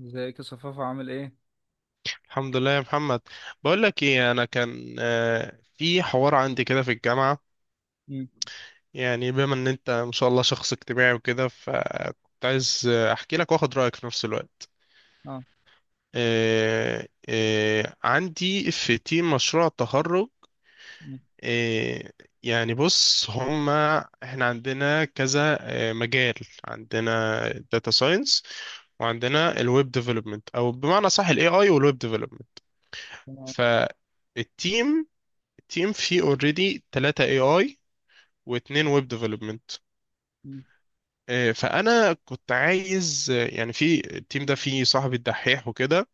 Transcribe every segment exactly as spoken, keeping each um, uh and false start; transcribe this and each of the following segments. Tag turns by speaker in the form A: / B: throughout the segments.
A: ازيك يا صفافة، عامل ايه؟
B: الحمد لله يا محمد. بقول لك ايه، انا كان آه، في حوار عندي كده في الجامعه.
A: مم.
B: يعني بما ان انت ما شاء الله شخص اجتماعي وكده، فكنت عايز آه، احكي لك واخد رايك في نفس الوقت.
A: اه.
B: آه، آه، عندي في تيم مشروع التخرج.
A: مم.
B: آه، يعني بص، هما احنا عندنا كذا آه، مجال. عندنا داتا ساينس، وعندنا الويب ديفلوبمنت، او بمعنى صح، الاي اي والويب ديفلوبمنت.
A: تمام.
B: ف تيم فيه اوريدي ثلاثة اي اي، واتنين ويب ديفلوبمنت.
A: مم.
B: فانا كنت عايز آه، يعني في التيم ده فيه صاحبي الدحيح وكده،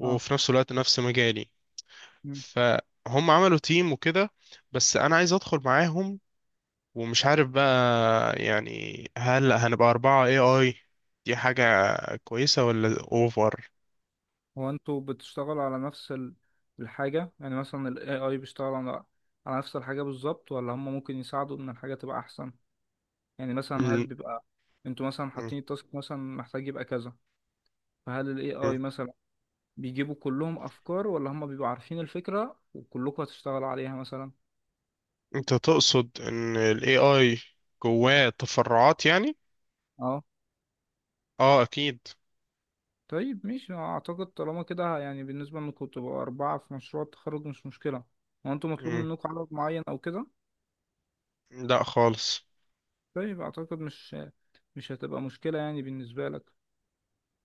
A: اه.
B: نفس الوقت نفس مجالي.
A: مم.
B: فهم عملوا تيم وكده، بس انا عايز ادخل معاهم. ومش عارف بقى يعني هل هنبقى أربعة اي اي؟ دي حاجة كويسة ولا اوفر؟
A: هو انتوا بتشتغلوا على نفس ال- الحاجة، يعني مثلا ال ايه اي بيشتغل على على نفس الحاجة بالظبط، ولا هم ممكن يساعدوا ان الحاجة تبقى احسن؟ يعني مثلا هل
B: م-
A: بيبقى انتوا مثلا
B: م-
A: حاطين التاسك مثلا محتاج يبقى كذا، فهل ال
B: م.
A: ايه اي مثلا بيجيبوا كلهم افكار، ولا هم بيبقوا عارفين الفكرة وكلكم هتشتغلوا عليها مثلا؟
B: انت تقصد ان الاي اي جواه تفرعات يعني؟ اه اكيد.
A: طيب، ماشي، أنا اعتقد طالما كده يعني بالنسبة انكم تبقوا اربعة في مشروع التخرج مش مشكلة. هو انتوا مطلوب منكم عدد معين او كده؟
B: لا خالص.
A: طيب، اعتقد مش مش هتبقى مشكلة يعني بالنسبة لك.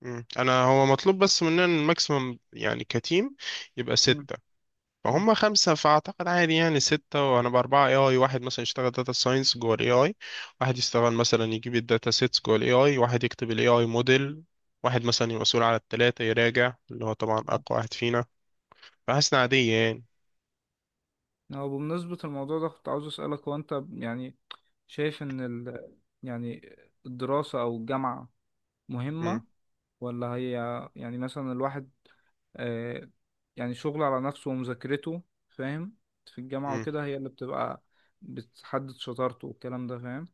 B: مم. انا هو مطلوب بس مننا الماكسيمم يعني كتيم، يبقى
A: مم.
B: ستة.
A: مم.
B: فهم خمسة، فأعتقد عادي يعني ستة. وهنبقى أربعة اي اي، واحد مثلا يشتغل داتا ساينس جوه الاي اي، واحد يشتغل مثلا يجيب الداتا سيتس جوه الاي اي، واحد يكتب الاي اي موديل، واحد مثلا يبقى مسؤول على التلاتة يراجع، اللي هو طبعا
A: آه.
B: أقوى واحد فينا. فحاسس إنها عادية يعني.
A: هو بمناسبة الموضوع ده كنت عاوز اسألك، هو انت يعني شايف ان ال... يعني الدراسة او الجامعة
B: مم.
A: مهمة، ولا هي يعني مثلا الواحد آه، يعني شغله على نفسه ومذاكرته فاهم، في الجامعة
B: مم.
A: وكده هي اللي بتبقى بتحدد شطارته والكلام ده فاهم؟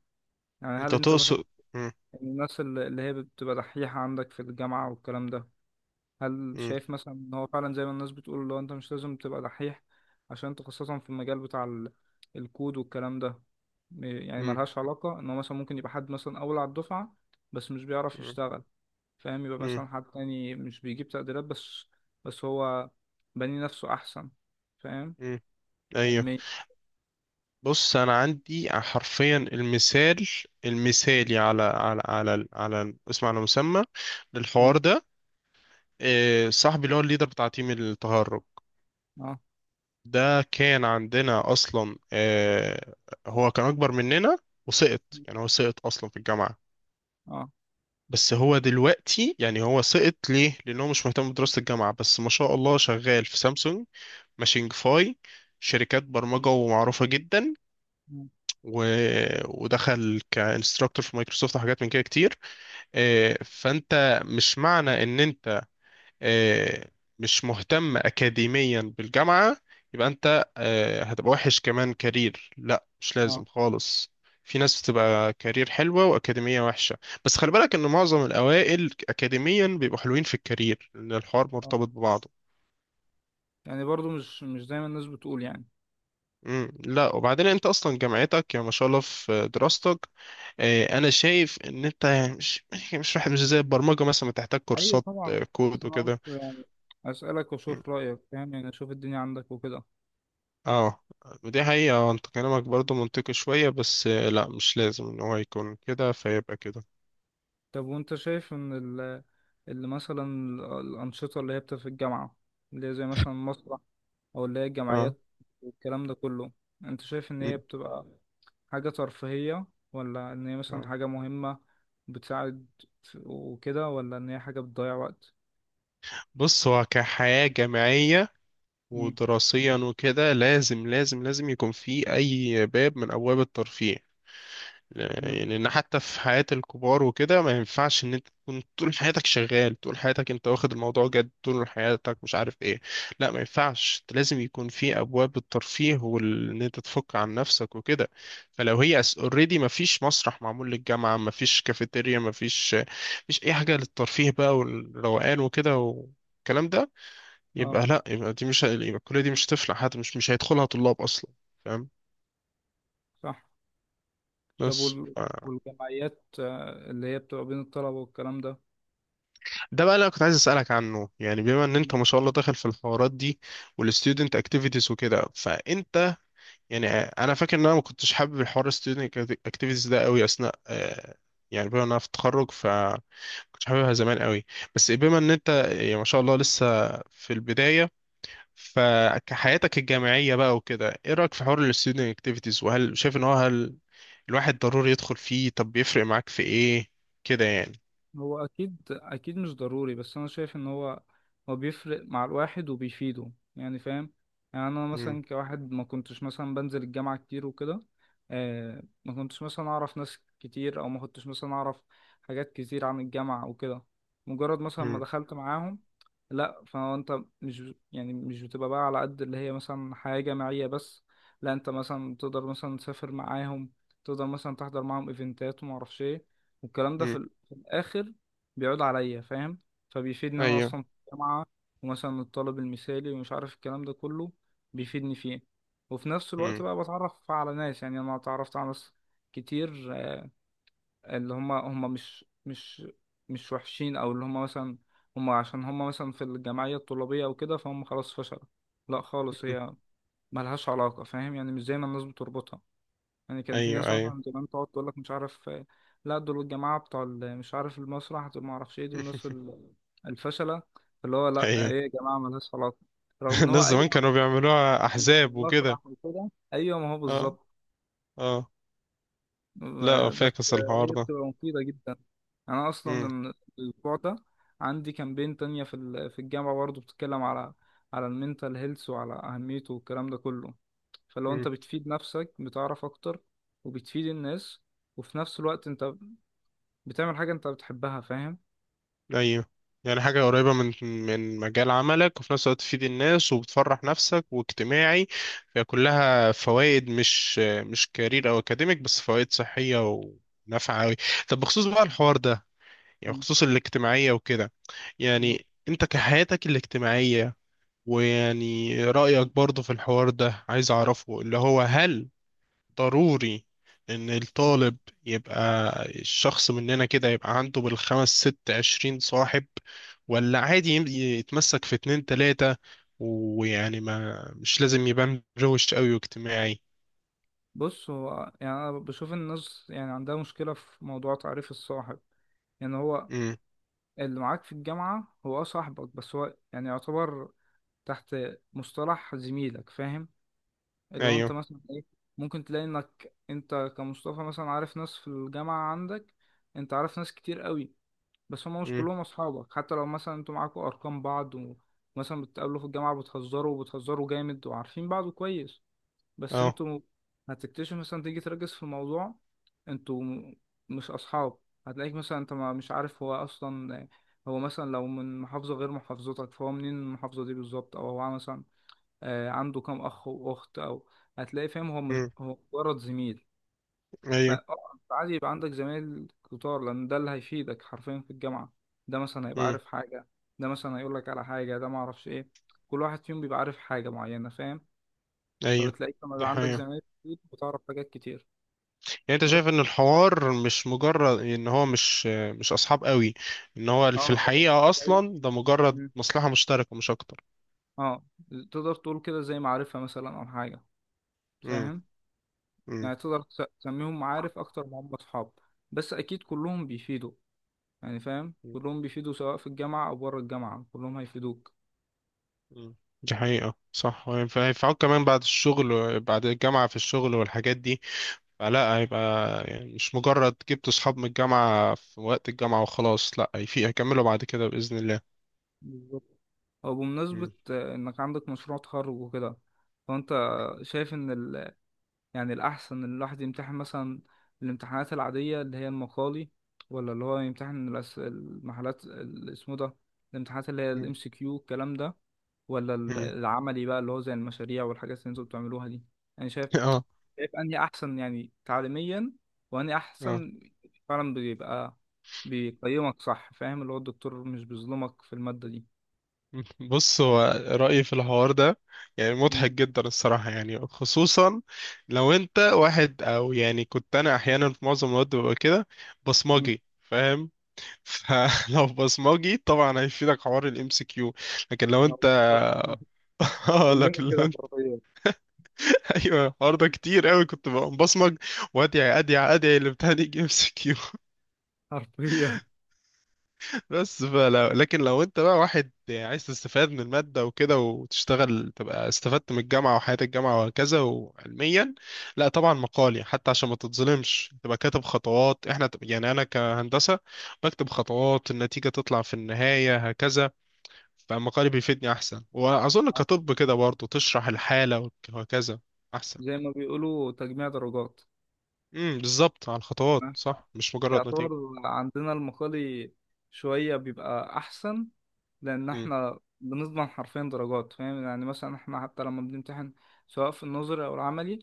A: يعني هل
B: أنت
A: انت مثلا
B: تقصد. مم.
A: الناس اللي اللي هي بتبقى دحيحة عندك في الجامعة والكلام ده، هل
B: مم.
A: شايف مثلا ان هو فعلا زي ما الناس بتقول، لو انت مش لازم تبقى دحيح عشان انت خاصة في المجال بتاع ال- الكود والكلام ده، م- يعني
B: مم.
A: ملهاش علاقة، ان هو مثلا ممكن يبقى حد مثلا اول على الدفعة بس مش بيعرف
B: مم.
A: يشتغل فاهم، يبقى
B: مم.
A: مثلا حد تاني مش بيجيب تقديرات بس بس هو بني نفسه أحسن فاهم،
B: مم. أيوه.
A: علميا.
B: بص، انا عندي حرفيا المثال المثالي على على على على اسم على مسمى
A: مم.
B: للحوار ده. آه، صاحبي اللي هو الليدر بتاع تيم التهرج،
A: اه،
B: ده كان عندنا اصلا. آه، هو كان اكبر مننا وسقط، يعني هو سقط اصلا في الجامعة.
A: اه.
B: بس هو دلوقتي، يعني هو سقط ليه؟ لانه مش مهتم بدراسة الجامعة، بس ما شاء الله شغال في سامسونج، ماشينج فاي، شركات برمجة ومعروفة جدا.
A: مم.
B: و... ودخل كانستراكتور في مايكروسوفت وحاجات من كده كتير. آه، فانت مش معنى ان انت آه، مش مهتم اكاديميا بالجامعه، يبقى انت آه، هتبقى وحش كمان كارير. لا، مش
A: اه،
B: لازم خالص. في ناس بتبقى كارير حلوه واكاديميه وحشه، بس خلي بالك ان معظم الاوائل اكاديميا بيبقوا حلوين في الكارير، لان الحوار
A: اه،
B: مرتبط ببعضه.
A: يعني برضو مش مش دايما الناس بتقول يعني.
B: مم، لا، وبعدين انت اصلا جامعتك يا ما شاء الله في دراستك. آه، انا شايف ان انت يعني مش مش واحد، مش زي البرمجه مثلا بتحتاج
A: أيوة،
B: كورسات
A: طبعا،
B: آه،
A: بس
B: كود
A: أنا قلت
B: وكده.
A: يعني أسألك وأشوف رأيك، فاهم، يعني أشوف الدنيا عندك وكده.
B: اه، ودي حقيقه. آه، انت كلامك برضو منطقي شويه، بس آه، لا مش لازم ان هو يكون كده فيبقى كده.
A: طب وأنت شايف إن ال اللي مثلا ال- الأنشطة اللي هي بتبقى في الجامعة، اللي هي زي مثلا مسرح أو اللي هي
B: اه.
A: الجمعيات والكلام ده كله، أنت شايف إن هي
B: مم.
A: بتبقى حاجة ترفيهية، ولا إن هي مثلا
B: اه،
A: حاجة مهمة بتساعد وكده، ولا إن هي حاجة بتضيع وقت؟
B: بص هو كحياه جامعيه
A: مم.
B: ودراسيا وكده، لازم لازم لازم يكون في اي باب من ابواب الترفيه.
A: مم.
B: يعني ان حتى في حياة الكبار وكده، ما ينفعش ان انت تكون طول حياتك شغال، طول حياتك انت واخد الموضوع جد، طول حياتك مش عارف ايه. لا، ما ينفعش. انت لازم يكون في ابواب الترفيه وان انت تفك عن نفسك وكده. فلو هي اوريدي ما فيش مسرح معمول للجامعة، ما فيش كافيتيريا، ما فيش مش اي حاجة للترفيه بقى والروقان وكده والكلام ده،
A: اه،
B: يبقى لا، يبقى دي مش، يبقى الكلية دي مش هتفلح. حتى مش مش هيدخلها طلاب اصلا. فاهم.
A: صح. طب
B: بس
A: وال- والجمعيات آه، اللي هي بتبقى بين الطلبة والكلام ده،
B: ده بقى اللي انا كنت عايز اسالك عنه. يعني بما ان انت ما شاء الله داخل في الحوارات دي والستودنت اكتيفيتيز وكده، فانت يعني، انا فاكر ان انا ما كنتش حابب الحوار الستودنت اكتيفيتيز ده قوي اثناء آه، يعني بما ان انا في التخرج، ف كنتش حاببها زمان قوي. بس بما ان انت يعني ما شاء الله لسه في البدايه، فكحياتك الجامعيه بقى وكده، ايه رايك في حوار الستودنت اكتيفيتيز؟ وهل شايف ان هو، هل الواحد ضروري يدخل فيه؟ طب بيفرق معاك في ايه كده يعني؟
A: هو اكيد اكيد مش ضروري، بس انا شايف ان هو هو بيفرق مع الواحد وبيفيده يعني فاهم. يعني انا
B: امم.
A: مثلا كواحد ما كنتش مثلا بنزل الجامعة كتير وكده، آه ما كنتش مثلا اعرف ناس كتير، او ما كنتش مثلا اعرف حاجات كتير عن الجامعة وكده، مجرد مثلا ما
B: امم.
A: دخلت معاهم، لا، فانت مش يعني مش بتبقى بقى على قد اللي هي مثلا حياة جامعية بس، لا، انت مثلا تقدر مثلا تسافر معاهم، تقدر مثلا تحضر معاهم ايفنتات وما اعرفش ايه والكلام ده
B: امم،
A: في اخر بيعود عليا فاهم، فبيفيد ان انا
B: ايوه.
A: اصلا في الجامعه، ومثلا الطالب المثالي ومش عارف الكلام ده كله بيفيدني فيه، وفي نفس الوقت
B: مم.
A: بقى بتعرف على ناس، يعني انا اتعرفت على ناس كتير، آه، اللي هم هم مش مش مش وحشين، او اللي هم مثلا هم عشان هم مثلا في الجمعيه الطلابيه او كده، فهم خلاص فشلوا، لا خالص، هي ملهاش علاقه فاهم، يعني مش زي ما الناس بتربطها، يعني كان في
B: ايوه،
A: ناس
B: ايوه.
A: مثلا زمان تقعد تقول لك مش عارف آه، لا، دول الجماعة بتوع ال- مش عارف المسرح دول ما اعرفش ايه، دول الناس ال- الفشلة، اللي هو لا، آه،
B: ايوه.
A: ايه يا جماعة ملهاش علاقة، رغم ان هو
B: الناس زمان
A: ايوه
B: كانوا بيعملوها
A: مش في
B: احزاب وكده.
A: المسرح وكده، ايوه، ما هو
B: اه.
A: بالظبط.
B: اه. لا،
A: آه، بس
B: فاكس
A: آه،
B: الحوار
A: هي
B: ده.
A: بتبقى مفيدة جدا، انا اصلا
B: امم.
A: من الاسبوع ده عندي كامبين تانية في ال- في الجامعة برضه بتتكلم على على المينتال هيلث وعلى اهميته والكلام ده كله، فلو
B: امم.
A: انت بتفيد نفسك بتعرف اكتر وبتفيد الناس وفي نفس الوقت انت بتعمل حاجة انت بتحبها فاهم.
B: ايوه، يعني حاجة قريبة من من مجال عملك، وفي نفس الوقت تفيد الناس وبتفرح نفسك واجتماعي. فهي كلها فوائد، مش مش كارير او اكاديميك بس، فوائد صحية ونافعة أوي. طب بخصوص بقى الحوار ده، يعني
A: مم.
B: بخصوص الاجتماعية وكده،
A: مم.
B: يعني انت كحياتك الاجتماعية، ويعني رأيك برضو في الحوار ده عايز أعرفه، اللي هو هل ضروري إن
A: مم.
B: الطالب يبقى الشخص مننا كده يبقى عنده بالخمس ست عشرين صاحب، ولا عادي يم- يتمسك في اتنين تلاتة؟ ويعني ما مش لازم يبان روش قوي واجتماعي.
A: بص هو يعني انا بشوف الناس يعني عندها مشكلة في موضوع تعريف الصاحب، يعني هو
B: امم.
A: اللي معاك في الجامعة هو، اه، صاحبك، بس هو يعني يعتبر تحت مصطلح زميلك فاهم، اللي هو انت
B: ايوه.
A: مثلا ايه، ممكن تلاقي انك انت كمصطفى مثلا عارف ناس في الجامعة عندك، انت عارف ناس كتير قوي، بس هم مش
B: امم.
A: كلهم اصحابك، حتى لو مثلا انتوا معاكوا ارقام بعض ومثلا بتقابلوا في الجامعة بتهزروا وبتهزروا جامد وعارفين بعض كويس، بس
B: اه.
A: انتوا هتكتشف مثلا تيجي تركز في موضوع، انتوا م- مش اصحاب، هتلاقيك مثلا انت ما مش عارف هو اصلا، هو مثلا لو من محافظة غير محافظتك فهو منين، المحافظة دي بالظبط او هو مثلا آه، عنده كام اخ واخت او هتلاقي فاهم، هو مش
B: امم.
A: هو مجرد زميل.
B: ايوه.
A: فعادي يبقى عندك زمايل كتار، لان ده اللي هيفيدك حرفيا في الجامعة، ده مثلا هيبقى
B: امم.
A: عارف حاجة، ده مثلا هيقولك على حاجة، ده معرفش ايه، كل واحد فيهم بيبقى عارف حاجة معينة فاهم،
B: ايوه،
A: فبتلاقيك لما
B: دي
A: يبقى عندك
B: حقيقة.
A: زمايل كتير بتعرف حاجات كتير.
B: يعني انت
A: بس
B: شايف ان الحوار مش مجرد ان هو مش مش اصحاب قوي، ان هو
A: اه
B: في
A: هو
B: الحقيقة
A: زي-
B: اصلا ده مجرد
A: مم.
B: مصلحة مشتركة مش اكتر.
A: اه، تقدر تقول كده زي معرفة مثلا أو حاجة
B: امم.
A: فاهم،
B: امم.
A: يعني تقدر تس- تسميهم معارف أكتر ما هم أصحاب، بس أكيد كلهم بيفيدوا يعني فاهم،
B: امم.
A: كلهم بيفيدوا سواء في الجامعة أو بره الجامعة كلهم هيفيدوك.
B: إمم. دي حقيقة صح، هينفعوك كمان بعد الشغل و- بعد الجامعة في الشغل والحاجات دي. فلا هيبقى يعني مش مجرد جبت صحاب من الجامعة في وقت الجامعة وخلاص، لا، في هيكملوا بعد كده بإذن الله.
A: بالظبط. أو بمناسبة
B: امم.
A: آه، إنك عندك مشروع تخرج وكده، فأنت شايف إن ال- يعني الأحسن إن الواحد يمتحن مثلا الامتحانات العادية اللي هي المقالي، ولا اللي هو يمتحن الأس... المحالات ال- اسمه ده، الامتحانات اللي هي
B: امم.
A: الام سي كيو الكلام ده، ولا ال-
B: امم.
A: العملي بقى اللي هو زي المشاريع والحاجات اللي انتوا بتعملوها دي، يعني شايف،
B: اه.
A: شايف أنهي أحسن يعني تعليميا، وأنهي
B: اه.
A: أحسن فعلا بيبقى بيقيمك صح فاهم، اللي هو الدكتور مش بيظلمك في المادة دي.
B: بص هو، رأيي في الحوار ده، يعني
A: مم.
B: مضحك جدا الصراحة، يعني خصوصا لو انت واحد، او يعني كنت انا احيانا في معظم الوقت ببقى كده
A: مم.
B: بصمجي فاهم. فلو بصمجي طبعا هيفيدك حوار الام سي كيو. لكن لو
A: آه،
B: انت
A: بالظبط.
B: اه،
A: كلنا
B: لكن لو
A: كده
B: انت
A: حرفيا،
B: ايوه، الحوار ده كتير قوي كنت ببقى بصمج، وادعي ادعي ادعي الامتحان يجي ام سي كيو.
A: حرفيا
B: بس فلو، لكن لو انت بقى واحد عايز تستفاد من المادة وكده وتشتغل، تبقى استفدت من الجامعة وحياة الجامعة وهكذا. وعلميا لا طبعا مقالي، حتى عشان ما تتظلمش تبقى كاتب خطوات. احنا يعني، انا كهندسة بكتب خطوات النتيجة تطلع في النهاية هكذا، فمقالي بيفيدني احسن. واظن كطب كده برضه تشرح الحالة وك- وهكذا، احسن.
A: زي ما بيقولوا تجميع درجات،
B: امم، بالظبط، على الخطوات
A: احنا
B: صح، مش مجرد
A: يعتبر
B: نتيجة.
A: عندنا المقالي شوية بيبقى أحسن، لأن
B: امم.
A: احنا بنضمن حرفيا درجات فاهم، يعني مثلا احنا حتى لما بنمتحن سواء في النظري أو العملي،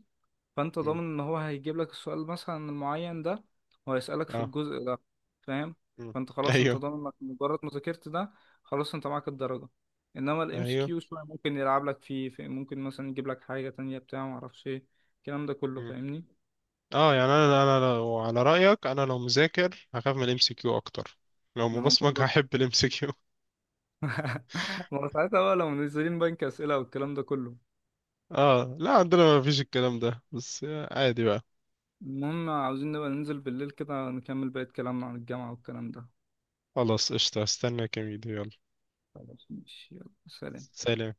A: فأنت ضامن
B: امم.
A: إن هو هيجيب لك السؤال مثلا المعين ده وهيسألك في
B: اه.
A: الجزء ده فاهم،
B: امم.
A: فأنت خلاص أنت
B: ايوه.
A: ضامن إنك مجرد ما ذاكرت ده، خلاص أنت معاك الدرجة، إنما ال
B: ايوه.
A: ام سي كيو شوية ممكن يلعب لك فيه، في- ممكن مثلا يجيب لك حاجة تانية بتاع معرفش إيه الكلام ده كله
B: امم.
A: فاهمني؟
B: اه، يعني انا انا لو على رايك، انا لو مذاكر هخاف من الام سي كيو اكتر، لو
A: إن
B: مبصمج
A: هو
B: هحب الام سي كيو.
A: ما هو ساعتها بقى لو منزلين بنك أسئلة والكلام ده كله.
B: اه. لا عندنا ما فيش الكلام ده، بس عادي بقى.
A: المهم عاوزين نبقى ننزل بالليل كده نكمل بقية كلامنا عن الجامعة والكلام ده.
B: خلاص قشطه، استنى كام فيديو، يلا.
A: خلاص، ماشي، يلا، سلام.
B: سلام.